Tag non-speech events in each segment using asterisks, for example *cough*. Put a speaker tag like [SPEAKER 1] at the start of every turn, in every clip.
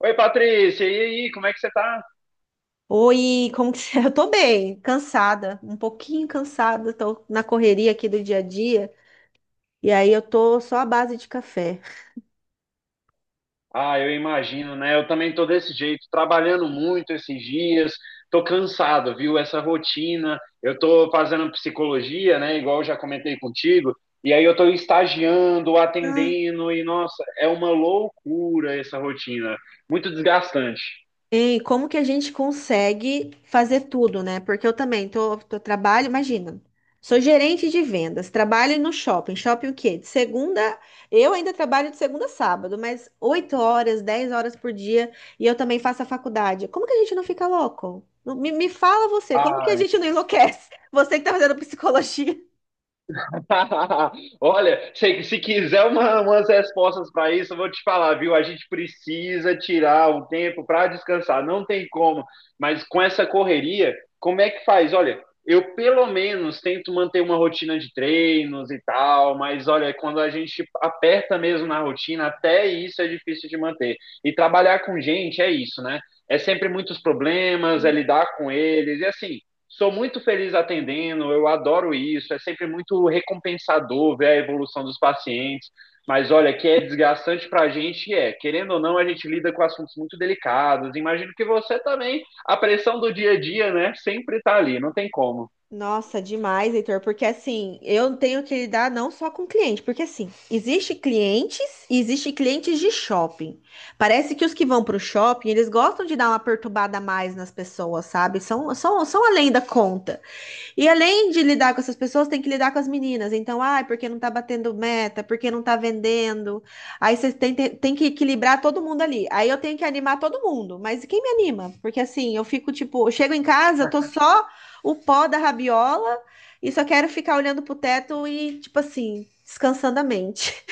[SPEAKER 1] Oi, Patrícia, e aí, como é que você tá?
[SPEAKER 2] Oi, como que você... *laughs* Eu tô bem, cansada, um pouquinho cansada, tô na correria aqui do dia a dia, e aí eu tô só à base de café.
[SPEAKER 1] Ah, eu imagino, né? Eu também tô desse jeito, trabalhando muito esses dias, tô cansado, viu? Essa rotina, eu tô fazendo psicologia, né? Igual eu já comentei contigo, e aí eu tô estagiando,
[SPEAKER 2] Ah.
[SPEAKER 1] atendendo, e nossa, é uma loucura essa rotina, muito desgastante.
[SPEAKER 2] Hein, como que a gente consegue fazer tudo, né? Porque eu também tô, trabalho, imagina, sou gerente de vendas, trabalho no shopping. Shopping o quê? De segunda, eu ainda trabalho de segunda a sábado, mas 8 horas, 10 horas por dia, e eu também faço a faculdade. Como que a gente não fica louco? Me fala você, como que a gente não enlouquece? *laughs* Você que tá fazendo psicologia.
[SPEAKER 1] *laughs* Olha, se quiser umas respostas para isso, eu vou te falar, viu? A gente precisa tirar um tempo para descansar, não tem como. Mas com essa correria, como é que faz? Olha, eu pelo menos tento manter uma rotina de treinos e tal, mas olha, quando a gente aperta mesmo na rotina, até isso é difícil de manter. E trabalhar com gente é isso, né? É sempre muitos problemas, é lidar com eles, e assim sou muito feliz atendendo, eu adoro isso, é sempre muito recompensador ver a evolução dos pacientes. Mas olha, que é desgastante para a gente, é. Querendo ou não, a gente lida com assuntos muito delicados. Imagino que você também, a pressão do dia a dia, né, sempre está ali, não tem como.
[SPEAKER 2] Nossa, demais, Heitor, porque assim, eu tenho que lidar não só com cliente, porque assim, existe clientes e existe clientes de shopping. Parece que os que vão para o shopping, eles gostam de dar uma perturbada a mais nas pessoas, sabe? São além da conta. E além de lidar com essas pessoas, tem que lidar com as meninas. Então, porque não tá batendo meta, porque não tá vendendo. Aí você tem que equilibrar todo mundo ali. Aí eu tenho que animar todo mundo. Mas quem me anima? Porque assim, eu fico tipo, eu chego em casa, eu tô só o pó da rabiola e só quero ficar olhando pro teto e, tipo assim, descansando a mente.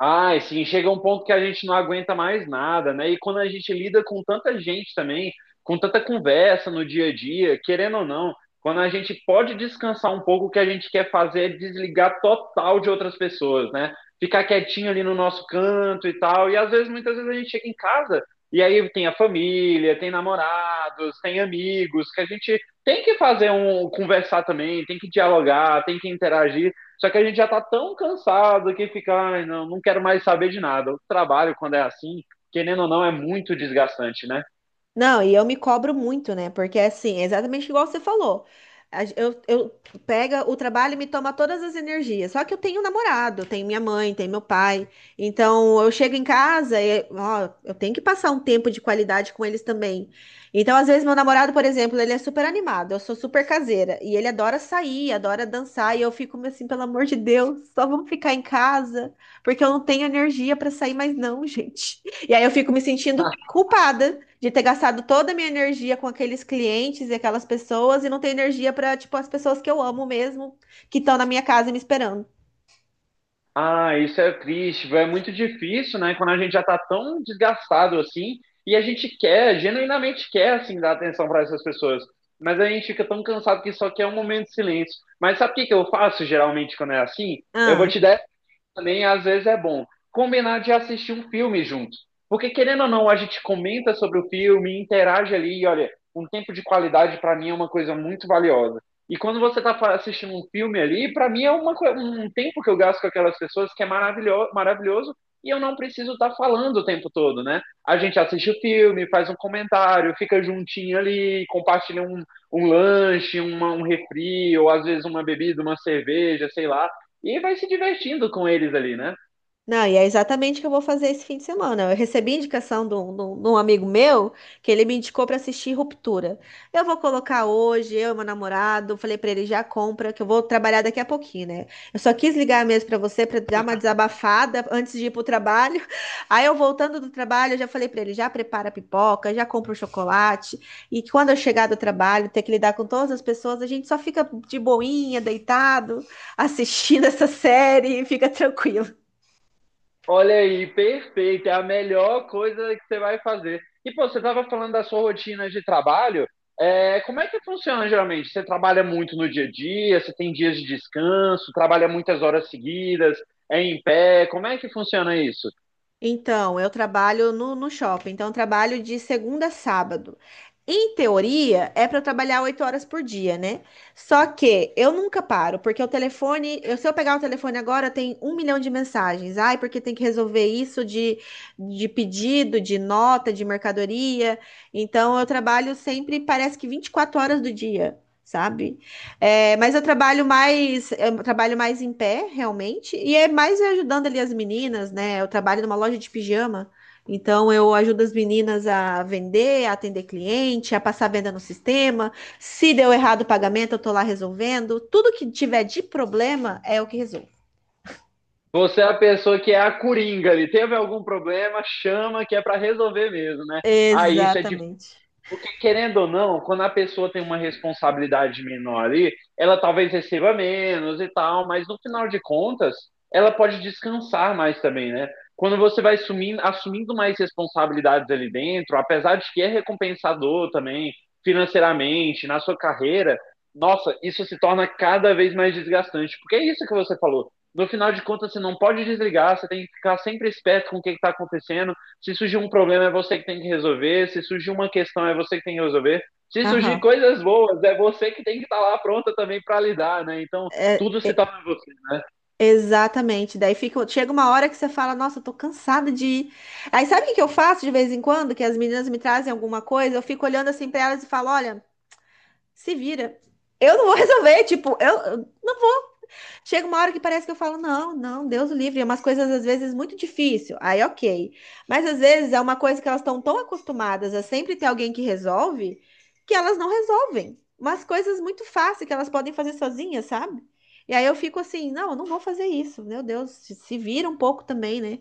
[SPEAKER 1] Ah, assim, chega um ponto que a gente não aguenta mais nada, né? E quando a gente lida com tanta gente também, com tanta conversa no dia a dia, querendo ou não, quando a gente pode descansar um pouco, o que a gente quer fazer é desligar total de outras pessoas, né? Ficar quietinho ali no nosso canto e tal. E às vezes, muitas vezes a gente chega em casa e aí tem a família, tem namorados, tem amigos, que a gente tem que fazer um conversar também, tem que dialogar, tem que interagir. Só que a gente já tá tão cansado que fica, ai, não, não quero mais saber de nada. O trabalho, quando é assim, querendo ou não, é muito desgastante, né?
[SPEAKER 2] Não, e eu me cobro muito, né? Porque assim, é exatamente igual você falou. Eu pega o trabalho e me toma todas as energias. Só que eu tenho um namorado, tenho minha mãe, tenho meu pai. Então eu chego em casa e ó, eu tenho que passar um tempo de qualidade com eles também. Então, às vezes, meu namorado, por exemplo, ele é super animado, eu sou super caseira. E ele adora sair, adora dançar. E eu fico assim, pelo amor de Deus, só vamos ficar em casa, porque eu não tenho energia para sair mais, não, *laughs* gente. E aí eu fico me sentindo culpada de ter gastado toda a minha energia com aqueles clientes e aquelas pessoas e não ter energia para, tipo, as pessoas que eu amo mesmo, que estão na minha casa me esperando.
[SPEAKER 1] Ah, isso é triste, é muito difícil, né? Quando a gente já tá tão desgastado assim, e a gente quer, genuinamente quer, assim, dar atenção para essas pessoas. Mas a gente fica tão cansado que só quer um momento de silêncio. Mas sabe o que que eu faço geralmente quando é assim? Eu vou
[SPEAKER 2] Ah.
[SPEAKER 1] te dar também às vezes é bom combinar de assistir um filme junto. Porque querendo ou não, a gente comenta sobre o filme, interage ali e olha, um tempo de qualidade para mim é uma coisa muito valiosa. E quando você assistindo um filme ali, para mim é uma, um tempo que eu gasto com aquelas pessoas que é maravilhoso e eu não preciso estar falando o tempo todo, né? A gente assiste o filme, faz um comentário, fica juntinho ali, compartilha um, um lanche, uma, um refri, ou às vezes uma bebida, uma cerveja, sei lá e vai se divertindo com eles ali, né?
[SPEAKER 2] Não, e é exatamente o que eu vou fazer esse fim de semana. Eu recebi indicação de um, de um amigo meu que ele me indicou para assistir Ruptura. Eu vou colocar hoje, eu e meu namorado, falei para ele já compra, que eu vou trabalhar daqui a pouquinho, né? Eu só quis ligar mesmo para você para dar uma desabafada antes de ir pro trabalho. *laughs* Aí eu voltando do trabalho, eu já falei para ele, já prepara a pipoca, já compra o chocolate, e que quando eu chegar do trabalho, ter que lidar com todas as pessoas, a gente só fica de boinha, deitado, assistindo *laughs* essa série e fica tranquilo.
[SPEAKER 1] Olha aí, perfeito, é a melhor coisa que você vai fazer. E, pô, você estava falando da sua rotina de trabalho. É, como é que funciona geralmente? Você trabalha muito no dia a dia, você tem dias de descanso, trabalha muitas horas seguidas, é em pé, como é que funciona isso?
[SPEAKER 2] Então, eu trabalho no shopping, então eu trabalho de segunda a sábado. Em teoria, é para eu trabalhar 8 horas por dia, né? Só que eu nunca paro, porque o telefone, se eu pegar o telefone agora, tem um milhão de mensagens. Ai, porque tem que resolver isso de pedido, de nota, de mercadoria. Então, eu trabalho sempre, parece que 24 horas do dia, sabe? É, mas eu trabalho mais em pé, realmente, e é mais eu ajudando ali as meninas, né? Eu trabalho numa loja de pijama, então eu ajudo as meninas a vender, a atender cliente, a passar venda no sistema. Se deu errado o pagamento, eu tô lá resolvendo. Tudo que tiver de problema é o que resolvo.
[SPEAKER 1] Você é a pessoa que é a coringa ali, teve algum problema, chama que é para resolver mesmo, né? Aí isso é de.
[SPEAKER 2] Exatamente.
[SPEAKER 1] Porque, querendo ou não, quando a pessoa tem uma responsabilidade menor ali, ela talvez receba menos e tal, mas no final de contas, ela pode descansar mais também, né? Quando você vai sumindo, assumindo mais responsabilidades ali dentro, apesar de que é recompensador também, financeiramente, na sua carreira, nossa, isso se torna cada vez mais desgastante. Porque é isso que você falou. No final de contas, você não pode desligar, você tem que ficar sempre esperto com o que está acontecendo, se surgir um problema, é você que tem que resolver. Se surgir uma questão, é você que tem que resolver. Se surgir
[SPEAKER 2] Aham.
[SPEAKER 1] coisas boas, é você que tem que estar lá pronta também para lidar, né? Então,
[SPEAKER 2] É.
[SPEAKER 1] tudo se torna você, né?
[SPEAKER 2] Exatamente. Daí fica, chega uma hora que você fala, nossa, eu tô cansada de ir. Aí sabe o que que eu faço de vez em quando? Que as meninas me trazem alguma coisa, eu fico olhando assim pra elas e falo, olha, se vira. Eu não vou *laughs* resolver, tipo, eu não. Chega uma hora que parece que eu falo, não, não, Deus o livre, é umas coisas às vezes muito difícil. Aí, ok. Mas às vezes é uma coisa que elas estão tão acostumadas a sempre ter alguém que resolve, que elas não resolvem. Umas coisas muito fáceis que elas podem fazer sozinhas, sabe? E aí eu fico assim, não, eu não vou fazer isso. Meu Deus, se vira um pouco também, né?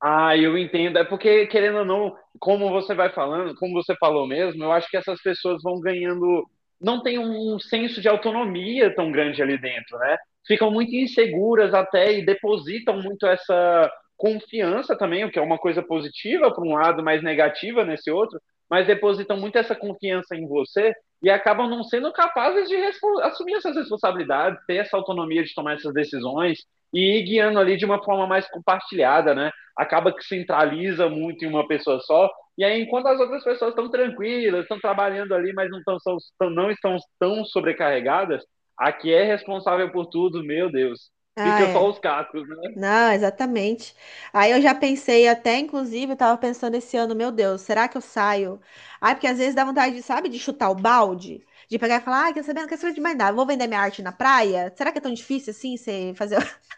[SPEAKER 1] Ah, eu entendo. É porque, querendo ou não, como você vai falando, como você falou mesmo, eu acho que essas pessoas vão ganhando. Não tem um senso de autonomia tão grande ali dentro, né? Ficam muito inseguras até e depositam muito essa confiança também, o que é uma coisa positiva por um lado, mas negativa nesse outro, mas depositam muito essa confiança em você e acabam não sendo capazes de assumir essas responsabilidades, ter essa autonomia de tomar essas decisões e ir guiando ali de uma forma mais compartilhada, né? Acaba que centraliza muito em uma pessoa só. E aí, enquanto as outras pessoas estão tranquilas, estão trabalhando ali, não estão tão sobrecarregadas, a que é responsável por tudo, meu Deus,
[SPEAKER 2] Ah,
[SPEAKER 1] fica só
[SPEAKER 2] é.
[SPEAKER 1] os cacos, né?
[SPEAKER 2] Não, exatamente. Aí eu já pensei até, inclusive, eu tava pensando esse ano, meu Deus, será que eu saio? Ai, porque às vezes dá vontade, sabe, de chutar o balde, de pegar e falar, ai, quer saber, não quer saber de mais nada, vou vender minha arte na praia? Será que é tão difícil assim, você fazer, *laughs*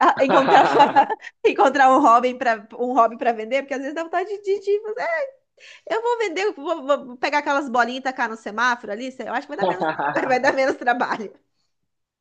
[SPEAKER 2] ah, encontrar, *laughs*
[SPEAKER 1] *laughs*
[SPEAKER 2] encontrar um hobby para vender? Porque às vezes dá vontade de fazer, "É, eu vou vender, eu vou, vou pegar aquelas bolinhas e tacar no semáforo ali, eu acho que vai dar menos, *laughs* vai dar menos trabalho."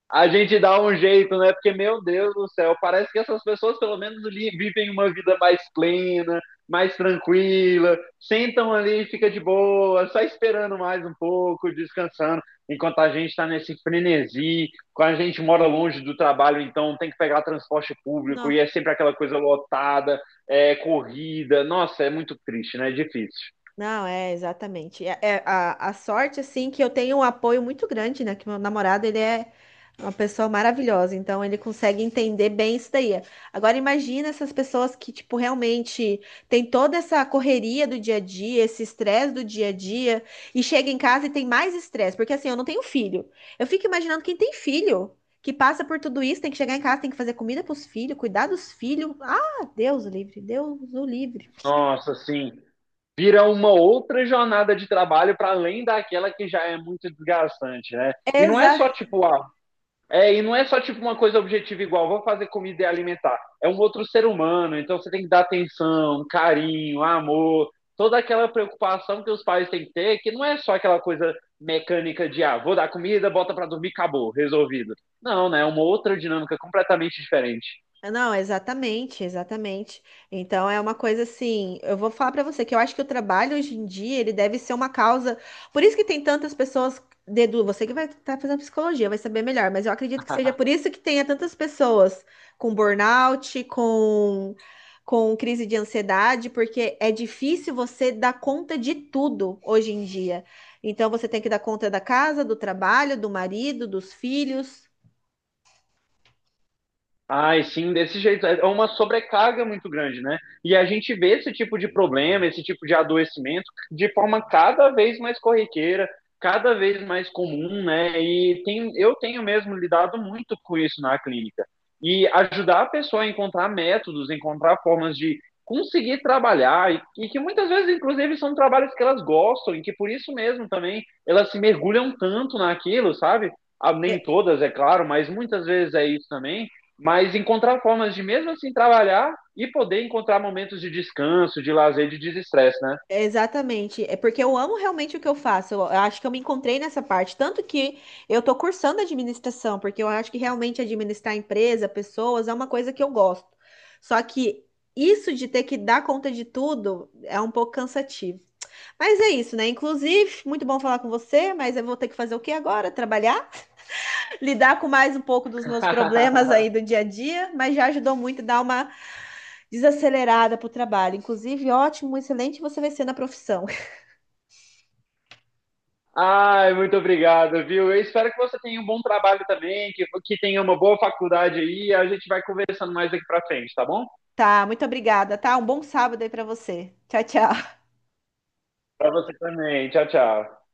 [SPEAKER 1] A gente dá um jeito, né? Porque, meu Deus do céu, parece que essas pessoas pelo menos vivem uma vida mais plena, mais tranquila, sentam ali, fica de boa, só esperando mais um pouco, descansando, enquanto a gente está nesse frenesi, quando a gente mora longe do trabalho, então tem que pegar transporte público
[SPEAKER 2] Não.
[SPEAKER 1] e é sempre aquela coisa lotada, é corrida. Nossa, é muito triste, né? É difícil.
[SPEAKER 2] Não, é exatamente. É, é a sorte, assim, que eu tenho um apoio muito grande, né? Que meu namorado, ele é uma pessoa maravilhosa, então ele consegue entender bem isso daí. Agora, imagina essas pessoas que, tipo, realmente tem toda essa correria do dia a dia, esse estresse do dia a dia, e chega em casa e tem mais estresse, porque assim, eu não tenho filho. Eu fico imaginando quem tem filho, que passa por tudo isso, tem que chegar em casa, tem que fazer comida para os filhos, cuidar dos filhos. Ah, Deus o livre, Deus o livre.
[SPEAKER 1] Nossa, sim. Vira uma outra jornada de trabalho para além daquela que já é muito desgastante, né? E não é só tipo, ah, e não é só tipo uma coisa objetiva igual, vou fazer comida e alimentar. É um outro ser humano, então você tem que dar atenção, carinho, amor, toda aquela preocupação que os pais têm que ter, que não é só aquela coisa mecânica de ah, vou dar comida, bota para dormir, acabou, resolvido. Não, né? É uma outra dinâmica completamente diferente.
[SPEAKER 2] Não, exatamente, exatamente. Então é uma coisa assim, eu vou falar pra você que eu acho que o trabalho hoje em dia, ele deve ser uma causa. Por isso que tem tantas pessoas dedu, você que vai estar fazendo psicologia, vai saber melhor, mas eu acredito que seja por isso que tenha tantas pessoas com burnout, com crise de ansiedade, porque é difícil você dar conta de tudo hoje em dia. Então você tem que dar conta da casa, do trabalho, do marido, dos filhos.
[SPEAKER 1] Ai, sim, desse jeito. É uma sobrecarga muito grande, né? E a gente vê esse tipo de problema, esse tipo de adoecimento, de forma cada vez mais corriqueira, cada vez mais comum, né? E tem, eu tenho mesmo lidado muito com isso na clínica. E ajudar a pessoa a encontrar métodos, encontrar formas de conseguir trabalhar, e que muitas vezes, inclusive, são trabalhos que elas gostam, e que por isso mesmo também elas se mergulham tanto naquilo, sabe? Ah, nem todas, é claro, mas muitas vezes é isso também, mas encontrar formas de mesmo assim trabalhar e poder encontrar momentos de descanso, de lazer, de desestresse, né?
[SPEAKER 2] Exatamente, é porque eu amo realmente o que eu faço. Eu acho que eu me encontrei nessa parte, tanto que eu tô cursando administração, porque eu acho que realmente administrar empresa, pessoas, é uma coisa que eu gosto. Só que isso de ter que dar conta de tudo é um pouco cansativo. Mas é isso, né? Inclusive, muito bom falar com você, mas eu vou ter que fazer o que agora? Trabalhar, *laughs* lidar com mais um pouco dos meus problemas aí do
[SPEAKER 1] *laughs*
[SPEAKER 2] dia a dia, mas já ajudou muito a dar uma desacelerada pro trabalho. Inclusive, ótimo, excelente você vai ser na profissão.
[SPEAKER 1] Ai, muito obrigado, viu? Eu espero que você tenha um bom trabalho também, que tenha uma boa faculdade aí. A gente vai conversando mais daqui para frente, tá bom?
[SPEAKER 2] Tá, muito obrigada, tá? Um bom sábado aí pra você. Tchau, tchau.
[SPEAKER 1] Para você também. Tchau, tchau.